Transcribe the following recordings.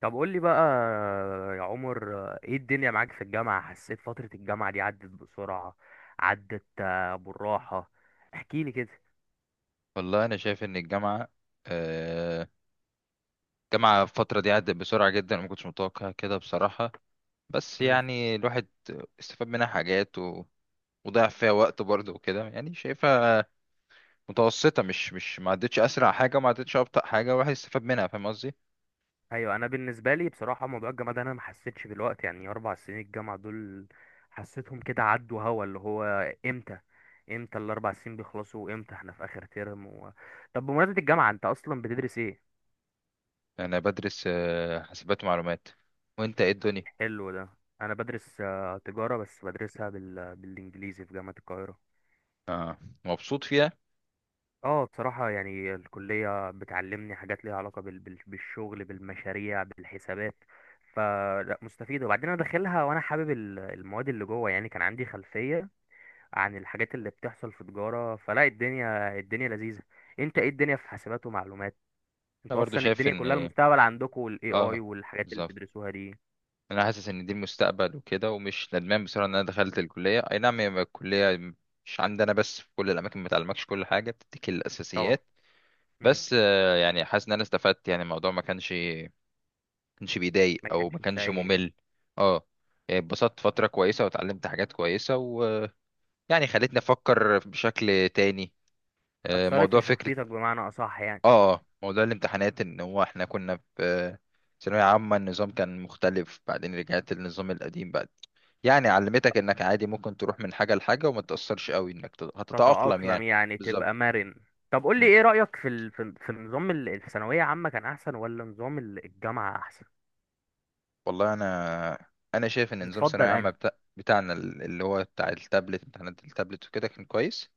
طب قول لي بقى يا عمر، ايه الدنيا معاك في الجامعة؟ حسيت فترة الجامعة دي عدت بسرعة؟ عدت بالراحة. احكي لي كده. والله انا شايف ان آه، الجامعه الفتره دي عدت بسرعه جدا، ما كنتش متوقع كده بصراحه. بس مم. يعني الواحد استفاد منها حاجات و... وضيع فيها وقت برضه وكده، يعني شايفها متوسطه. مش ما عدتش اسرع حاجه وما عدتش ابطا حاجه، الواحد استفاد منها، فاهم قصدي. ايوه، انا بالنسبة لي بصراحة موضوع الجامعة ده انا ما حسيتش بالوقت، يعني 4 سنين الجامعة دول حسيتهم كده عدوا، هوا اللي هو امتى امتى ال4 سنين بيخلصوا، وامتى احنا في اخر ترم طب بمناسبة الجامعة انت اصلا بتدرس ايه؟ انا بدرس حاسبات ومعلومات. وانت ايه الدنيا؟ حلو ده. انا بدرس تجارة، بس بدرسها بالانجليزي في جامعة القاهرة. اه، مبسوط فيها. اه بصراحة يعني الكلية بتعلمني حاجات ليها علاقة بالشغل، بالمشاريع، بالحسابات، فلا مستفيدة. وبعدين انا داخلها وانا حابب المواد اللي جوه، يعني كان عندي خلفية عن الحاجات اللي بتحصل في تجارة، فلا الدنيا لذيذة. انت مم. ايه الدنيا في حسابات ومعلومات؟ انا انتوا برضه اصلا شايف الدنيا ان كلها المستقبل عندكم، والاي اي اه، والحاجات اللي بالظبط، بتدرسوها دي. انا حاسس ان دي المستقبل وكده، ومش ندمان بصراحه ان انا دخلت الكليه. اي نعم، هي الكليه مش عندنا بس، في كل الاماكن، ما تعلمكش كل حاجه، بتديك طبعا. الاساسيات. مم. بس يعني حاسس ان انا استفدت، يعني الموضوع ما كانش بيضايق ما او ما كانش كانش سيء. ممل. اه، يعني اتبسطت فتره كويسه واتعلمت حاجات كويسه ويعني خلتني افكر بشكل تاني. اثرت موضوع في فكره. شخصيتك بمعنى اصح يعني. اه، موضوع الامتحانات ان هو احنا كنا في ثانويه عامه، النظام كان مختلف، بعدين رجعت للنظام القديم بعد. يعني علمتك انك عادي ممكن تروح من حاجة لحاجة وما تأثرش قوي، انك هتتأقلم تتأقلم يعني. يعني تبقى بالظبط. مرن. طب قول لي مم. ايه رأيك في نظام الثانوية عامة كان احسن ولا نظام الجامعة احسن؟ والله انا شايف ان نظام ثانوية بتفضل عامة انهي؟ بتاعنا اللي هو بتاع التابلت، امتحانات التابلت وكده كان كويس.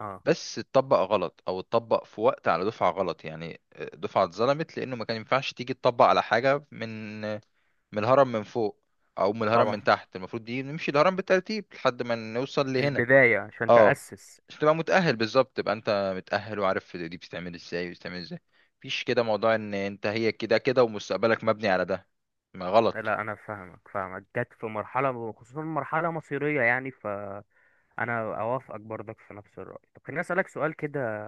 اه بس اتطبق غلط، او اتطبق في وقت على دفعة غلط. يعني دفعة اتظلمت لانه ما كان ينفعش تيجي تطبق على حاجة من الهرم من فوق، او من الهرم من طبعا. تحت. المفروض دي نمشي الهرم بالترتيب لحد ما نوصل من لهنا. البداية عشان اه، تأسس. عشان تبقى متأهل. بالظبط، تبقى انت متأهل وعارف دي بتتعمل ازاي وبتتعمل ازاي. مفيش كده موضوع ان انت هي كده كده ومستقبلك مبني على ده، ما غلط. لا انا فاهمك فاهمك، جت في مرحلة خصوصا مرحلة مصيرية، يعني فانا اوافقك برضك في نفس الرأي. طب خليني اسألك سؤال كده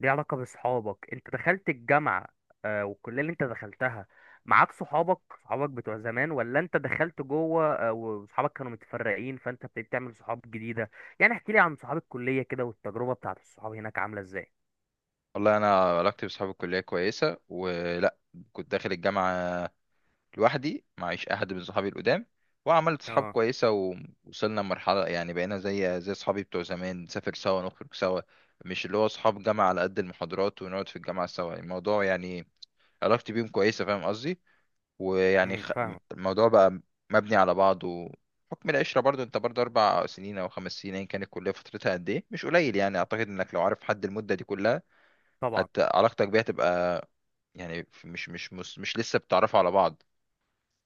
ليه علاقة بصحابك. انت دخلت الجامعة والكلية اللي انت دخلتها معاك صحابك، صحابك بتوع زمان ولا انت دخلت جوه وصحابك كانوا متفرقين فانت ابتديت تعمل صحاب جديدة؟ يعني احكي لي عن صحاب الكلية كده، والتجربة بتاعت الصحاب هناك عاملة ازاي. والله انا علاقتي بصحاب الكلية كويسة ولا، كنت داخل الجامعة لوحدي، معيش احد من صحابي القدام، وعملت صحاب اه. كويسة، ووصلنا لمرحلة يعني بقينا زي صحابي بتوع زمان، نسافر سوا، نخرج سوا. مش اللي هو صحاب جامعة على قد المحاضرات ونقعد في الجامعة سوا، الموضوع يعني علاقتي بيهم كويسة، فاهم قصدي. ويعني فاهمك. الموضوع بقى مبني على بعضه. حكم العشرة برضو، انت برضو اربع سنين او خمس سنين ايا كانت الكلية فترتها قد ايه، مش قليل. يعني اعتقد انك لو عارف حد المدة دي كلها، طبعا. حتى علاقتك بيها تبقى، يعني مش لسه بتعرفوا على بعض.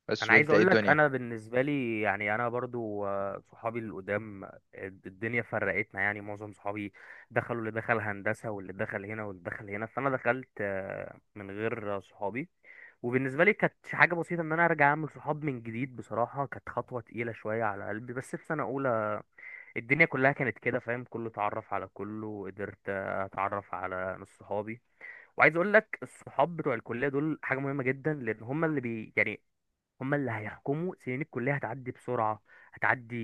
بس انا عايز وانت ايه اقول لك الدنيا؟ انا بالنسبه لي يعني انا برضو صحابي القدام الدنيا فرقتنا، يعني معظم صحابي دخلوا، اللي دخل هندسه واللي دخل هنا واللي دخل هنا، فانا دخلت من غير صحابي. وبالنسبه لي كانت حاجه بسيطه ان انا ارجع اعمل صحاب من جديد، بصراحه كانت خطوه تقيله شويه على قلبي. بس في سنه اولى الدنيا كلها كانت كده، فاهم، كله اتعرف على كله، وقدرت اتعرف على نص صحابي. وعايز اقول لك الصحاب بتوع الكليه دول حاجه مهمه جدا، لان هم اللي بي يعني هما اللي هيحكموا. سنين الكلية هتعدي بسرعة، هتعدي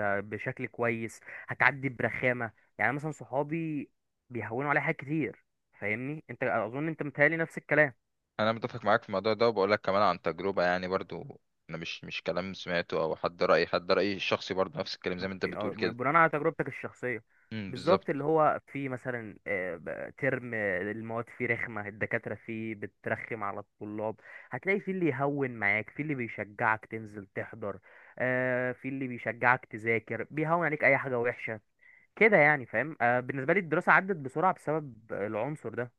بشكل كويس، هتعدي برخامة. يعني مثلا صحابي بيهونوا عليا حاجات كتير. فاهمني؟ انت اظن انت متهيألي نفس الكلام. انا متفق معاك في الموضوع ده، وبقول لك كمان عن تجربة، يعني برضو انا مش كلام سمعته او حد رأيي الشخصي، برضو نفس الكلام زي ما انت شخصي اه، بتقول كده. بناء على تجربتك الشخصية. بالظبط. بالظبط، اللي هو في مثلا ترم المواد فيه رخمة، الدكاترة فيه بترخم على الطلاب. هتلاقي في اللي يهون معاك، في اللي بيشجعك تنزل تحضر، في اللي بيشجعك تذاكر، بيهون عليك اي حاجة وحشة كده يعني، فاهم؟ آه بالنسبة لي الدراسة عدت بسرعة بسبب العنصر ده.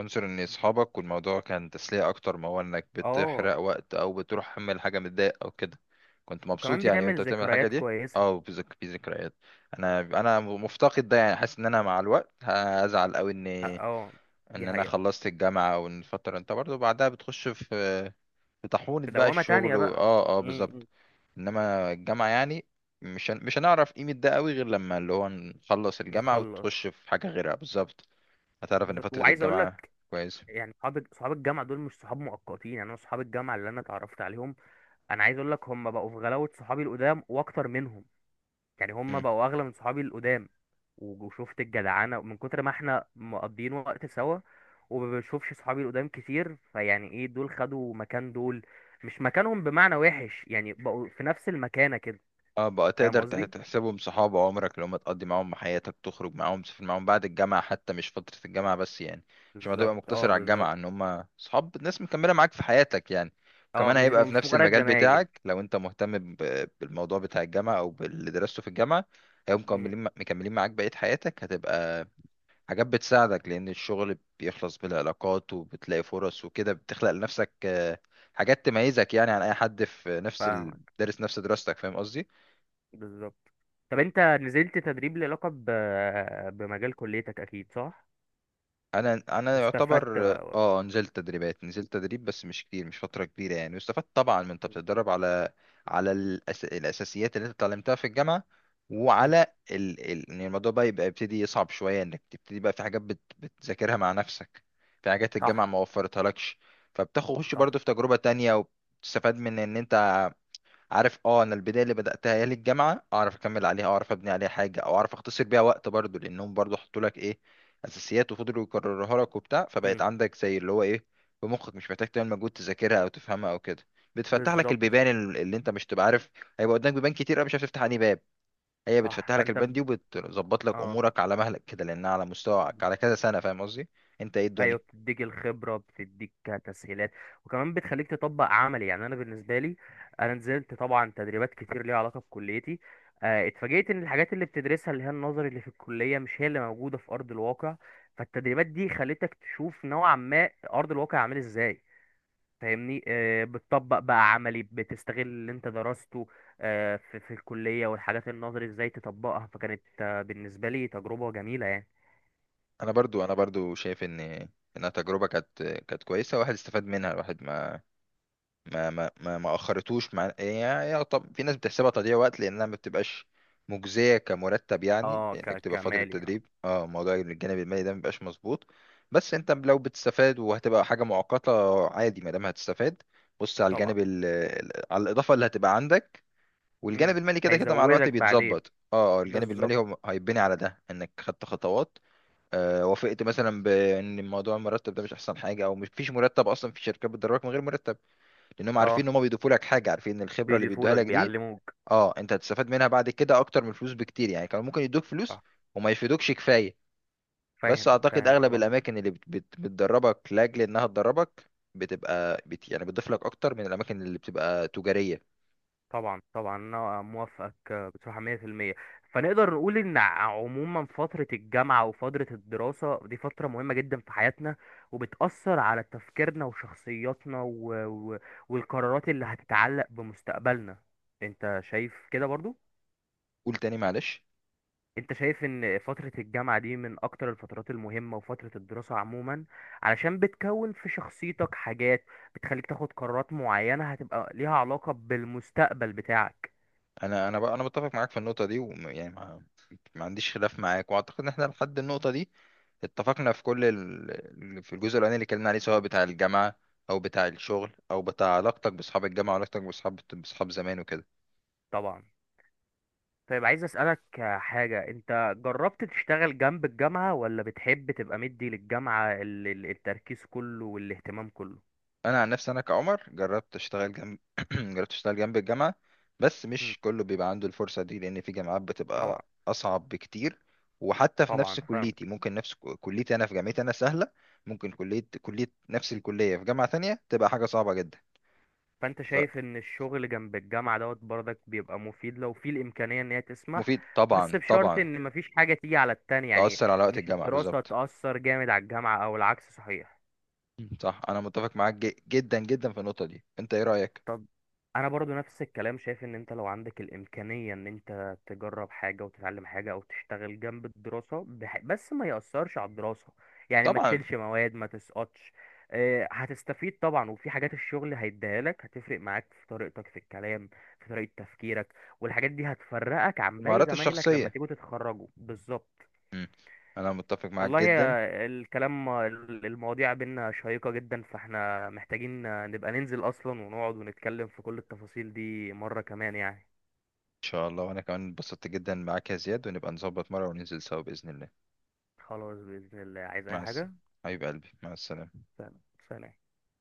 عنصر ان اصحابك والموضوع كان تسلية اكتر ما هو انك اه. بتحرق وقت، او بتروح تعمل حاجة متضايق او كده، كنت مبسوط وكمان يعني وانت بتعمل بتعمل الحاجة ذكريات دي. كويسة. اه، في في ذكريات. انا مفتقد ده، يعني حاسس ان انا مع الوقت هزعل قوي ان اه دي ان انا حقيقة. خلصت الجامعة، او ان الفترة انت برضو بعدها بتخش في طاحونة كده بقى وما الشغل تانية بقى. اه، اه، بالظبط. امم. انما الجامعة يعني مش هنعرف قيمة ده قوي غير لما اللي هو نخلص الجامعة نخلص. وتخش في حاجة غيرها. بالظبط، هتعرف ان بالظبط. فترة وعايز اقول الجامعة لك كويسة. يعني صحاب الجامعة دول مش صحاب مؤقتين، يعني انا صحاب الجامعة اللي انا اتعرفت عليهم، انا عايز اقول لك هم بقوا في غلاوة صحابي القدام واكتر منهم، يعني هم بقوا اغلى من صحابي القدام. وشفت الجدعنه من كتر ما احنا مقضيين وقت سوا، وما بشوفش صحابي القدام كتير، فيعني ايه، دول خدوا مكان دول، مش مكانهم بمعنى وحش، يعني بقوا في نفس المكانه كده. اه، بقى فاهم تقدر قصدي؟ تحسبهم صحاب عمرك اللي هم تقضي معاهم حياتك، تخرج معاهم، تسافر معاهم بعد الجامعة حتى، مش فترة الجامعة بس يعني. مش ما تبقى بالظبط مقتصر اه على الجامعة، ان بالظبط. هم صحاب ناس مكملة معاك في حياتك يعني. اه وكمان مش هيبقى في مش نفس مجرد المجال زمايل. بتاعك لو انت مهتم بالموضوع بتاع الجامعة او باللي درسته في الجامعة. هيبقوا امم مكملين مكملين معاك بقية حياتك، هتبقى حاجات بتساعدك، لان الشغل بيخلص بالعلاقات وبتلاقي فرص وكده، بتخلق لنفسك حاجات تميزك يعني عن اي حد في نفس فاهمك. دارس نفس دراستك، فاهم قصدي. بالظبط. طب انت نزلت تدريب ليه علاقه بمجال كليتك اكيد، صح؟ انا واستفدت يعتبر بقى. اه، نزلت تدريب بس مش كتير، مش فتره كبيره يعني. واستفدت طبعا من انت بتتدرب على، الاساسيات اللي انت اتعلمتها في الجامعه، مم. وعلى ان الموضوع بقى يبقى يبتدي يصعب شويه، انك تبتدي بقى في حاجات بتذاكرها مع نفسك، في حاجات الجامعه صح ما وفرتها لكش. فبتخش صح. برضو في تجربه تانية، وبتستفاد من ان انت عارف، اه، انا البدايه اللي بداتها ايام الجامعه اعرف اكمل عليها، اعرف ابني عليها حاجه، او اعرف اختصر بيها وقت برضو، لانهم برضو حطوا لك ايه، اساسيات، وفضلوا يكرروها لك وبتاع، مم. فبقت عندك زي اللي هو ايه، في مخك، مش محتاج تعمل مجهود تذاكرها او تفهمها او كده. بتفتح لك بالظبط. البيبان اللي انت مش تبقى عارف هيبقى قدامك بيبان كتير قوي، مش عارف تفتح انهي باب. هي صح بتفتح لك فانت البيبان دي، وبتظبط لك اه امورك على مهلك كده، لانها على مستواك على كذا سنه، فاهم قصدي. انت ايه ايوه. الدنيا؟ بتديك الخبره، بتديك تسهيلات، وكمان بتخليك تطبق عملي. يعني انا بالنسبه لي انا نزلت طبعا تدريبات كتير ليها علاقه بكليتي. اتفاجئت ان الحاجات اللي بتدرسها اللي هي النظري اللي في الكليه مش هي اللي موجوده في ارض الواقع. فالتدريبات دي خلتك تشوف نوعا ما ارض الواقع عامل ازاي. فاهمني؟ بتطبق بقى عملي، بتستغل اللي انت درسته في الكليه، والحاجات النظري ازاي تطبقها. فكانت بالنسبه لي تجربه جميله يعني. انا برضو شايف ان انها تجربه كانت كويسه، الواحد استفاد منها، الواحد ما اخرتوش مع يعني. يعني طب في ناس بتحسبها تضييع وقت، لانها ما بتبقاش مجزيه كمرتب يعني، اه لانك بتبقى في فتره كمالي اه. تدريب. اه، موضوع الجانب المالي ده ما بيبقاش مظبوط. بس انت لو بتستفاد وهتبقى حاجه مؤقته عادي ما دام هتستفاد، بص على طبعا. الجانب على الاضافه اللي هتبقى عندك، والجانب مم. المالي كده كده مع الوقت هيزودك بعدين. بيتظبط. اه، الجانب المالي بالظبط هو هيتبني على ده، انك خدت خطوات. آه، وافقت مثلا بان موضوع المرتب ده مش احسن حاجه، او مش فيش مرتب اصلا، في شركات بتدربك من غير مرتب، لانهم عارفين اه. ان هم بيضيفوا لك حاجه، عارفين ان الخبره اللي بيدوها بيضيفولك، لك دي بيعلموك. اه، انت هتستفاد منها بعد كده اكتر من الفلوس بكتير يعني. كانوا ممكن يدوك فلوس صح. وما يفيدوكش كفايه. بس فاهم اعتقد فاهم اغلب طبعا. الاماكن اللي بت بت بتدربك لاجل انها تدربك، بتبقى بت يعني بتضيف لك اكتر من الاماكن اللي بتبقى تجاريه. طبعا طبعا انا موافقك بصراحة 100%. فنقدر نقول ان عموما فترة الجامعة وفترة الدراسة دي فترة مهمة جدا في حياتنا، وبتأثر على تفكيرنا وشخصياتنا والقرارات اللي هتتعلق بمستقبلنا. انت شايف كده برضو؟ قول تاني معلش. انت شايف ان فترة الجامعة دي من اكتر الفترات المهمة، وفترة الدراسة عموما، علشان بتكون في شخصيتك حاجات بتخليك تاخد قرارات معينة هتبقى ليها علاقة بالمستقبل بتاعك. انا متفق معاك في النقطه دي، ويعني ما عنديش خلاف معاك. واعتقد ان احنا لحد النقطه دي اتفقنا في الجزء الاولاني اللي اتكلمنا عليه، سواء بتاع الجامعه، او بتاع الشغل، او بتاع علاقتك باصحاب الجامعه، وعلاقتك باصحاب زمان وكده. طبعا. طيب عايز اسألك حاجة. انت جربت تشتغل جنب الجامعة ولا بتحب تبقى مدي للجامعة التركيز كله والاهتمام كله؟ انا عن نفسي انا كعمر جربت اشتغل جنب، جربت اشتغل جنب الجامعه. بس مم. مش كله بيبقى عنده الفرصه دي، لان في جامعات طبعا. بتبقى اصعب بكتير. وحتى في طبعا نفس فاهم. كليتي، ممكن نفس كليتي، انا في جامعتي انا سهله، ممكن كليه نفس الكليه في جامعه تانية تبقى حاجه صعبه جدا. فانت شايف ان الشغل جنب الجامعة دوت برضك بيبقى مفيد لو في الامكانية ان هي تسمح، فمفيد بس طبعا، بشرط طبعا. ان مفيش حاجة تيجي على التانية، يعني تأثر على وقت مش الجامعه، الدراسة بالظبط. تأثر جامد على الجامعة او العكس صحيح. مم. صح، انا متفق معاك جدا جدا في النقطه دي. انت ايه رايك؟ طب انا برضو نفس الكلام، شايف ان انت لو عندك الامكانية ان انت تجرب حاجة وتتعلم حاجة او تشتغل جنب الدراسة بس ما يأثرش على الدراسة، يعني ما طبعا، تشيلش مواد ما تسقطش. هتستفيد طبعا. وفي حاجات الشغل هيديها لك، هتفرق معاك في طريقتك في الكلام، في طريقة تفكيرك، والحاجات دي هتفرقك عن باقي المهارات زمايلك لما الشخصيه. تيجوا تتخرجوا بالظبط. مم. انا متفق معاك والله جدا ان الكلام المواضيع بينا شيقة جدا، فاحنا محتاجين نبقى ننزل أصلا ونقعد ونتكلم في كل التفاصيل دي مرة كمان يعني. شاء الله. وانا كمان اتبسطت جدا معاك يا زياد، ونبقى نظبط مره وننزل سوا باذن الله. خلاص بإذن الله. عايز أي مع الس... حاجة. حبيب قلبي، مع السلامه. سلام. سلام.